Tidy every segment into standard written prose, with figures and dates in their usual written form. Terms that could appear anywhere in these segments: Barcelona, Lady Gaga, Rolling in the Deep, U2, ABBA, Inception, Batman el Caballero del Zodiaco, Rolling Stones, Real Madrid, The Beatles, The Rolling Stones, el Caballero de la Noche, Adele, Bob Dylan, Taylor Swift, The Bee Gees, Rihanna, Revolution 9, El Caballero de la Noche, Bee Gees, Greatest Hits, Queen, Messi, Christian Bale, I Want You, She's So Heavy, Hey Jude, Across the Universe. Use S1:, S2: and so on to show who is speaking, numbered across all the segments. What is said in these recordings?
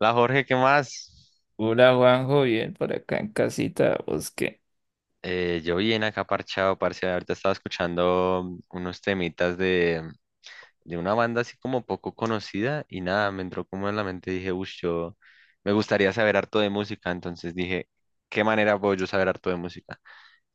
S1: La Jorge, ¿qué más?
S2: Hola Juanjo, bien por acá en casita, ¿vos qué?
S1: Yo bien acá parchado, parce. Ahorita estaba escuchando unos temitas de una banda así como poco conocida y nada, me entró como en la mente. Dije, uff, yo me gustaría saber harto de música. Entonces dije, ¿qué manera puedo yo saber harto de música?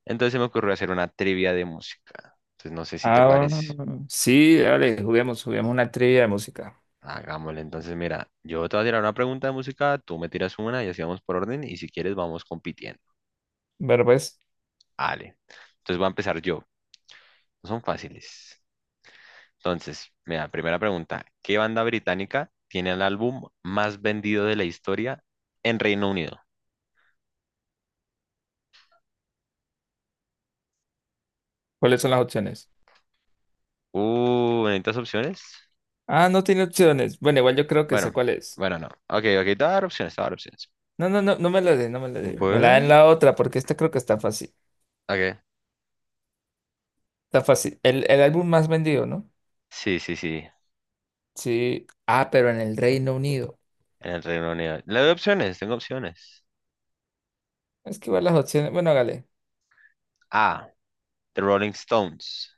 S1: Entonces se me ocurrió hacer una trivia de música. Entonces no sé si te
S2: Ah,
S1: parece.
S2: sí, dale, juguemos una trivia de música.
S1: Hagámosle. Entonces, mira, yo te voy a tirar una pregunta de música, tú me tiras una y así vamos por orden y si quieres vamos compitiendo.
S2: Ver, pues,
S1: Vale. Entonces voy a empezar yo. No son fáciles. Entonces, mira, primera pregunta, ¿qué banda británica tiene el álbum más vendido de la historia en Reino Unido?
S2: ¿cuáles son las opciones?
S1: ¿Necesitas opciones?
S2: Ah, no tiene opciones. Bueno, igual yo creo que sé
S1: Bueno,
S2: cuál es.
S1: bueno, no. Ok, ok, te voy a dar opciones, te voy a dar opciones.
S2: No, me la dé, no me la dé. Me la den
S1: Bueno,
S2: la otra, porque esta creo que está fácil.
S1: ok.
S2: Está fácil. El álbum más vendido, ¿no?
S1: Sí, sí, sí,
S2: Sí. Ah, pero en el Reino Unido.
S1: en el Reino Unido. Le doy opciones, tengo opciones.
S2: Es que igual las opciones. Bueno, hágale.
S1: A, The Rolling Stones.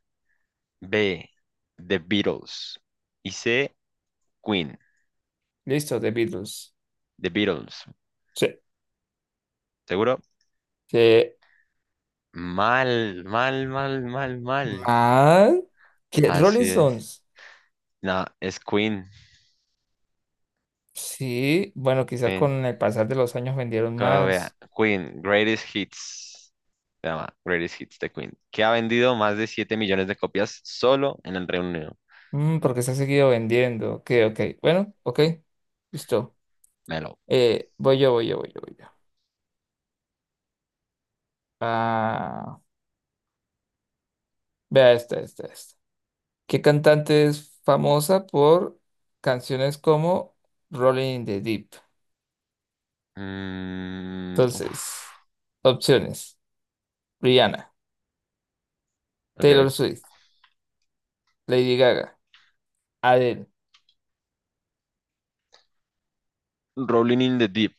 S1: B, The Beatles. Y C, Queen.
S2: Listo, The Beatles.
S1: The Beatles.
S2: Sí.
S1: ¿Seguro?
S2: ¿Qué
S1: Mal, mal, mal, mal, mal.
S2: más? ¿Qué? Rolling
S1: Así es.
S2: Stones.
S1: No, es Queen.
S2: Sí, bueno, quizás
S1: Queen,
S2: con el pasar de los años vendieron
S1: como
S2: más.
S1: Queen, Greatest Hits, se llama Greatest Hits de Queen, que ha vendido más de 7 millones de copias solo en el Reino Unido.
S2: Mm, porque se ha seguido vendiendo. Ok, ok. Bueno, ok, listo.
S1: Melo.
S2: Voy yo. Ah, vea esta. ¿Qué cantante es famosa por canciones como Rolling in the Deep?
S1: Mm,
S2: Entonces,
S1: uf,
S2: opciones. Rihanna,
S1: ok.
S2: Taylor Swift, Lady Gaga, Adele.
S1: Rolling in the Deep.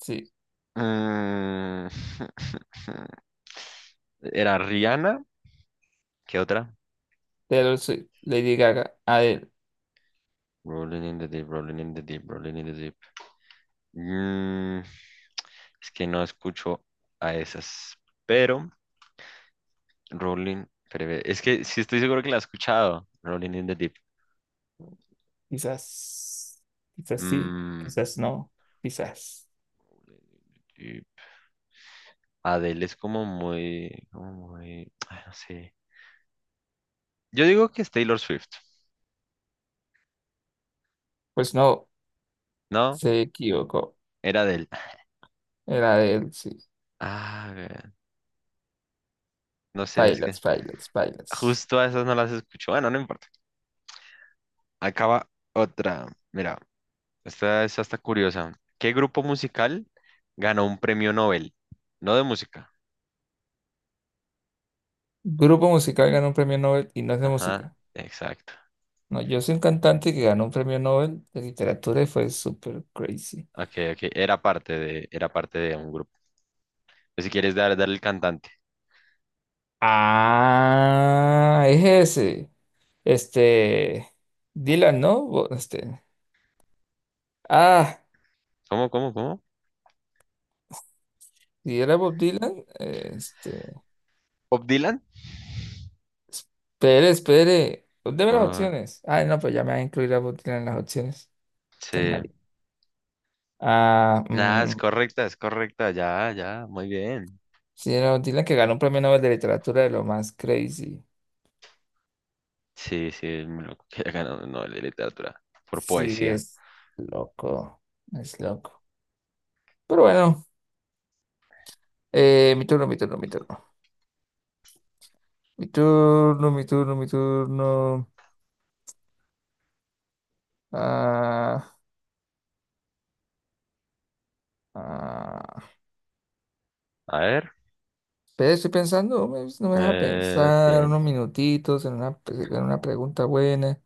S2: Sí,
S1: Mm, era Rihanna. ¿Qué otra?
S2: Taylor Swift, Lady Gaga, Adele.
S1: Rolling in the Deep, Rolling in the Deep, Rolling in the Deep. Mm, es que no escucho a esas, pero Rolling, pero es que sí estoy seguro que la he escuchado. Rolling in the Deep.
S2: Quizás, quizás sí,
S1: Mm,
S2: quizás no, quizás.
S1: y Adele es como muy, ay, no sé. Yo digo que es Taylor Swift,
S2: Pues no,
S1: ¿no?
S2: se equivocó.
S1: Era Adele.
S2: Era de él, sí.
S1: Ah, vean, no sé, es
S2: Failas,
S1: que
S2: failas, failas.
S1: justo a esas no las escucho. Bueno, no importa. Acaba otra. Mira, esta es hasta curiosa. ¿Qué grupo musical ganó un premio Nobel? No de música.
S2: Grupo musical ganó un premio Nobel y no es de
S1: Ajá,
S2: música.
S1: exacto.
S2: No, yo soy un cantante que ganó un premio Nobel de literatura y fue súper crazy.
S1: Ok, ok. Era parte de un grupo. Pues si quieres dar el cantante.
S2: Ah, es ese. Este, Dylan, ¿no? Ah,
S1: ¿Cómo, cómo, cómo?
S2: si era Bob Dylan, este.
S1: ¿Bob Dylan?
S2: Espere. Deme las
S1: Ah,
S2: opciones. Ay, no, pues ya me van a incluir a Bob Dylan en las opciones. Tan
S1: sí.
S2: mal. Ah,
S1: Nada, es correcta, ya, ya, muy bien.
S2: sí, era Bob Dylan que ganó un premio Nobel de Literatura de lo más crazy.
S1: Sí, sí, es muy loco que haya ganado un Nobel de Literatura por
S2: Sí,
S1: poesía.
S2: es loco. Es loco. Pero bueno, mi turno, mi turno, mi turno. Mi turno, mi turno, mi turno. Ah, ah.
S1: A ver,
S2: Pero estoy pensando. No me deja pensar
S1: bien,
S2: unos minutitos en una pregunta buena.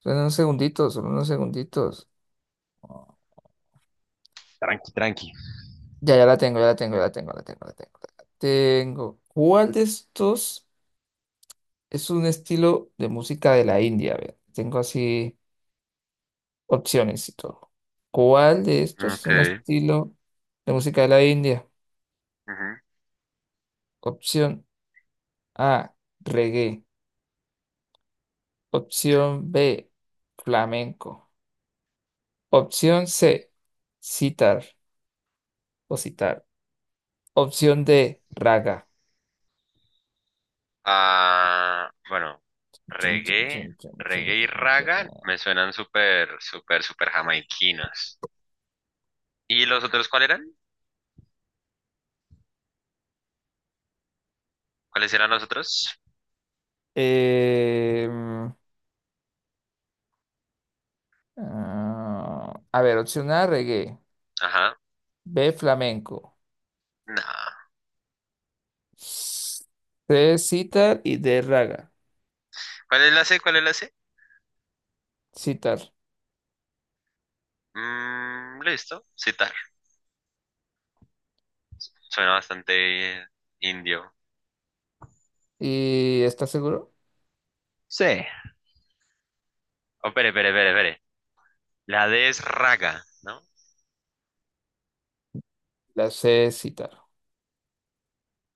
S2: Son unos segunditos.
S1: tranqui, tranqui.
S2: Ya, ya la tengo, ya la tengo, ya la tengo, la tengo, la tengo, la tengo. ¿Cuál de estos es un estilo de música de la India? A ver, tengo así opciones y todo. ¿Cuál de estos es
S1: Ok.
S2: un estilo de música de la India?
S1: Ujú.
S2: Opción A, reggae. Opción B, flamenco. Opción C, sitar sitar. Opción D, raga.
S1: Ah, bueno,
S2: Chun, chun,
S1: reggae,
S2: chun, chun,
S1: reggae
S2: chun,
S1: y
S2: chun,
S1: raga
S2: chun.
S1: me suenan súper, súper, súper jamaiquinos. ¿Y los otros cuáles eran? ¿Cuáles eran los otros?
S2: Em, Ah, a ver, opción A, reggae.
S1: Ajá,
S2: B, flamenco.
S1: no.
S2: C, sitar y D, raga.
S1: ¿Cuál es la C? ¿Cuál es la C?
S2: Sitar.
S1: Mm, listo, citar. Suena bastante indio.
S2: ¿Y estás seguro?
S1: Sí. Oh, espere, espere, espere, espere. La D es raga, ¿no?
S2: La C, sitar.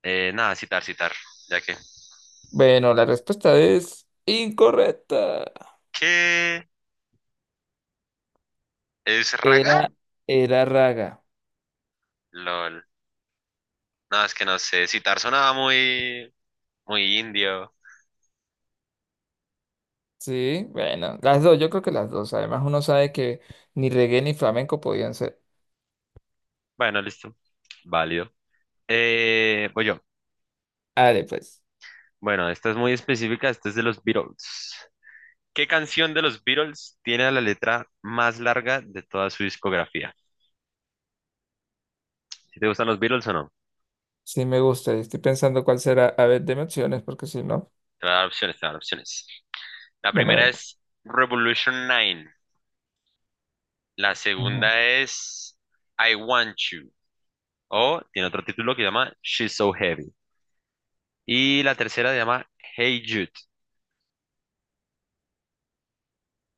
S1: Nada, citar, citar. Ya que.
S2: Bueno, la respuesta es incorrecta.
S1: ¿Qué es
S2: Era,
S1: raga?
S2: era raga.
S1: LOL. No, es que no sé. Citar sonaba muy, muy indio.
S2: Sí, bueno, las dos, yo creo que las dos. Además, uno sabe que ni reggae ni flamenco podían ser.
S1: Bueno, listo. Válido. Voy yo.
S2: Ale, pues,
S1: Bueno, esta es muy específica. Esta es de los Beatles. ¿Qué canción de los Beatles tiene la letra más larga de toda su discografía? ¿Si te gustan los Beatles o no?
S2: sí me gusta. Estoy pensando cuál será. A ver, deme opciones, porque si no,
S1: Te voy a dar opciones, te voy a dar opciones. La primera
S2: bueno,
S1: es Revolution 9. La
S2: bueno.
S1: segunda es I Want You. O tiene otro título que llama She's So Heavy. Y la tercera se llama Hey Jude.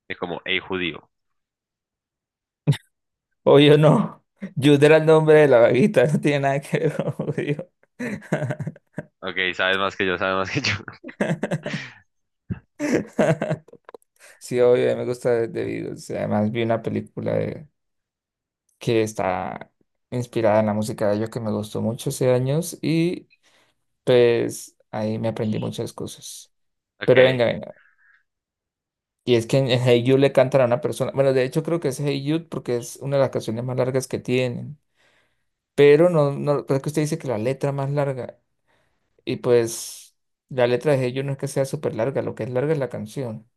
S1: Es como Hey Judío.
S2: Obvio no. Jude era el nombre de la vaguita, no tiene nada que ver con judío.
S1: Ok, sabes más que yo, sabes más que yo.
S2: Sí, obvio, a mí me gusta de Beatles. Además, vi una película que está inspirada en la música de ellos que me gustó mucho hace años y pues ahí me aprendí muchas cosas. Pero
S1: Ok.
S2: venga, venga. Y es que en Hey Jude le cantan a una persona. Bueno, de hecho creo que es Hey Jude porque es una de las canciones más largas que tienen. Pero no, no, creo que usted dice que la letra más larga. Y pues la letra de ellos no es que sea súper larga, lo que es larga es la canción.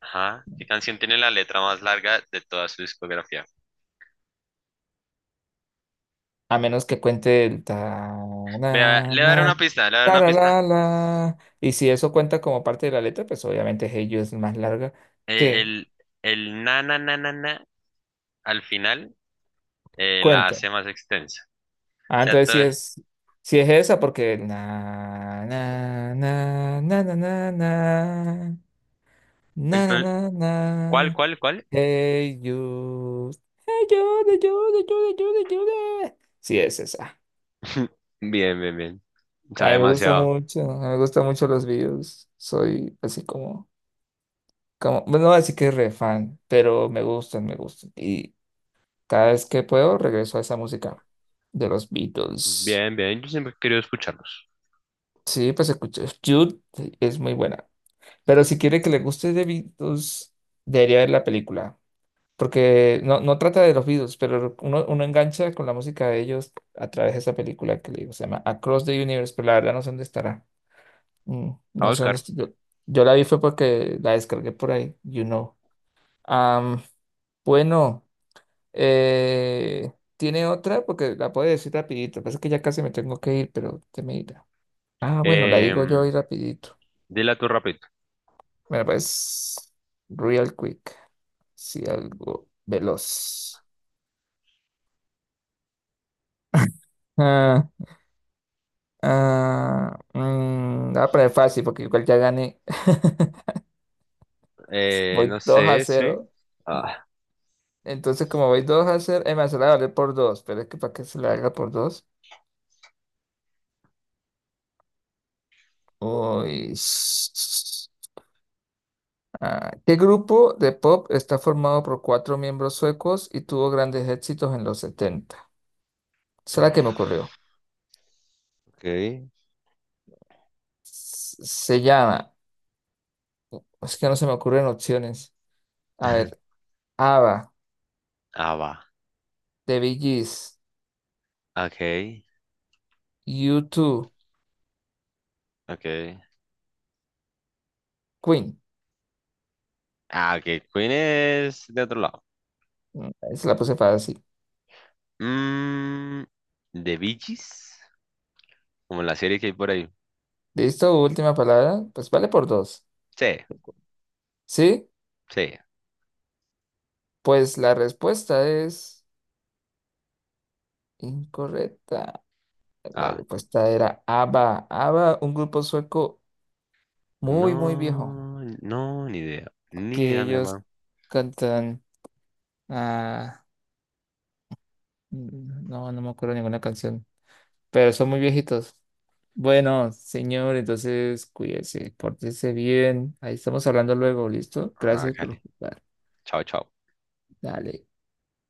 S1: Ajá. ¿Qué canción tiene la letra más larga de toda su discografía?
S2: A menos que cuente el ta na
S1: Vea, le
S2: na
S1: daré una pista, le daré
S2: la
S1: una
S2: la la
S1: pista.
S2: la. Y si eso cuenta como parte de la letra, pues obviamente Hey You es más larga
S1: Eh,
S2: que
S1: el, el na na na na na al final la
S2: cuenta.
S1: hace más extensa. O
S2: Ah,
S1: sea,
S2: entonces si
S1: todo-
S2: es si es esa porque na na na na na na na na na
S1: entonces,
S2: na
S1: ¿cuál,
S2: na.
S1: cuál, cuál?
S2: Hey You. Hey You, ayuda, ayuda, ayuda, ayuda, ayuda. Sí es esa.
S1: Bien, bien, bien.
S2: A
S1: Sabe
S2: mí me gusta
S1: demasiado.
S2: mucho, a mí me gustan mucho los videos. Soy así como, como, bueno, no así que re fan, pero me gustan. Y cada vez que puedo regreso a esa música de los Beatles.
S1: Bien, bien, yo siempre he querido escucharlos.
S2: Sí, pues escucho. Jude es muy buena. Pero si quiere que le guste de Beatles, debería ver la película. Porque no, no trata de los Beatles, pero uno engancha con la música de ellos a través de esa película que le digo. Se llama Across the Universe, pero la verdad no sé dónde estará. Mm,
S1: A
S2: no sé dónde
S1: Oscar,
S2: estoy. Yo la vi fue porque la descargué por ahí, you know. Am, bueno, eh, ¿Tiene otra? Porque la puedo decir rapidito. Pasa que ya casi me tengo que ir, pero te me irá. Ah, bueno, la
S1: em,
S2: digo yo ahí rapidito.
S1: dile a tu rapid.
S2: Bueno, pues, real quick. Sí, algo veloz. Ah, la voy a poner fácil porque igual ya gané. Voy
S1: No
S2: 2 a
S1: sé, sí.
S2: cero.
S1: Ah,
S2: Entonces, como voy 2 a 0, me hace la vale por dos, pero es que para que se la haga por dos. Uy. Ah, ¿qué grupo de pop está formado por cuatro miembros suecos y tuvo grandes éxitos en los 70? Esa es la que me
S1: uf.
S2: ocurrió.
S1: Ok.
S2: Se llama, es que no se me ocurren opciones. A ver, ABBA,
S1: Ah, va.
S2: The Bee Gees,
S1: Ok,
S2: U2,
S1: ok.
S2: Queen.
S1: Ah, ok, Queen es de otro lado.
S2: Mm, ahí se la puse fácil.
S1: Mm, ¿De Bee Gees? Como la serie que hay por ahí.
S2: ¿Listo? Última palabra. Pues vale por dos.
S1: Sí,
S2: ¿Sí?
S1: sí.
S2: Pues la respuesta es... Incorrecta. La
S1: Ah,
S2: respuesta era ABBA. ABBA, un grupo sueco muy viejo,
S1: no, no, ni idea. Ni
S2: que
S1: idea, mi
S2: ellos
S1: hermano.
S2: cantan... ah, no, no me acuerdo ninguna canción, pero son muy viejitos. Bueno, señor, entonces cuídese, pórtese bien. Ahí estamos hablando luego, ¿listo?
S1: Ah,
S2: Gracias por
S1: Cali.
S2: jugar.
S1: Chao, chao.
S2: Dale.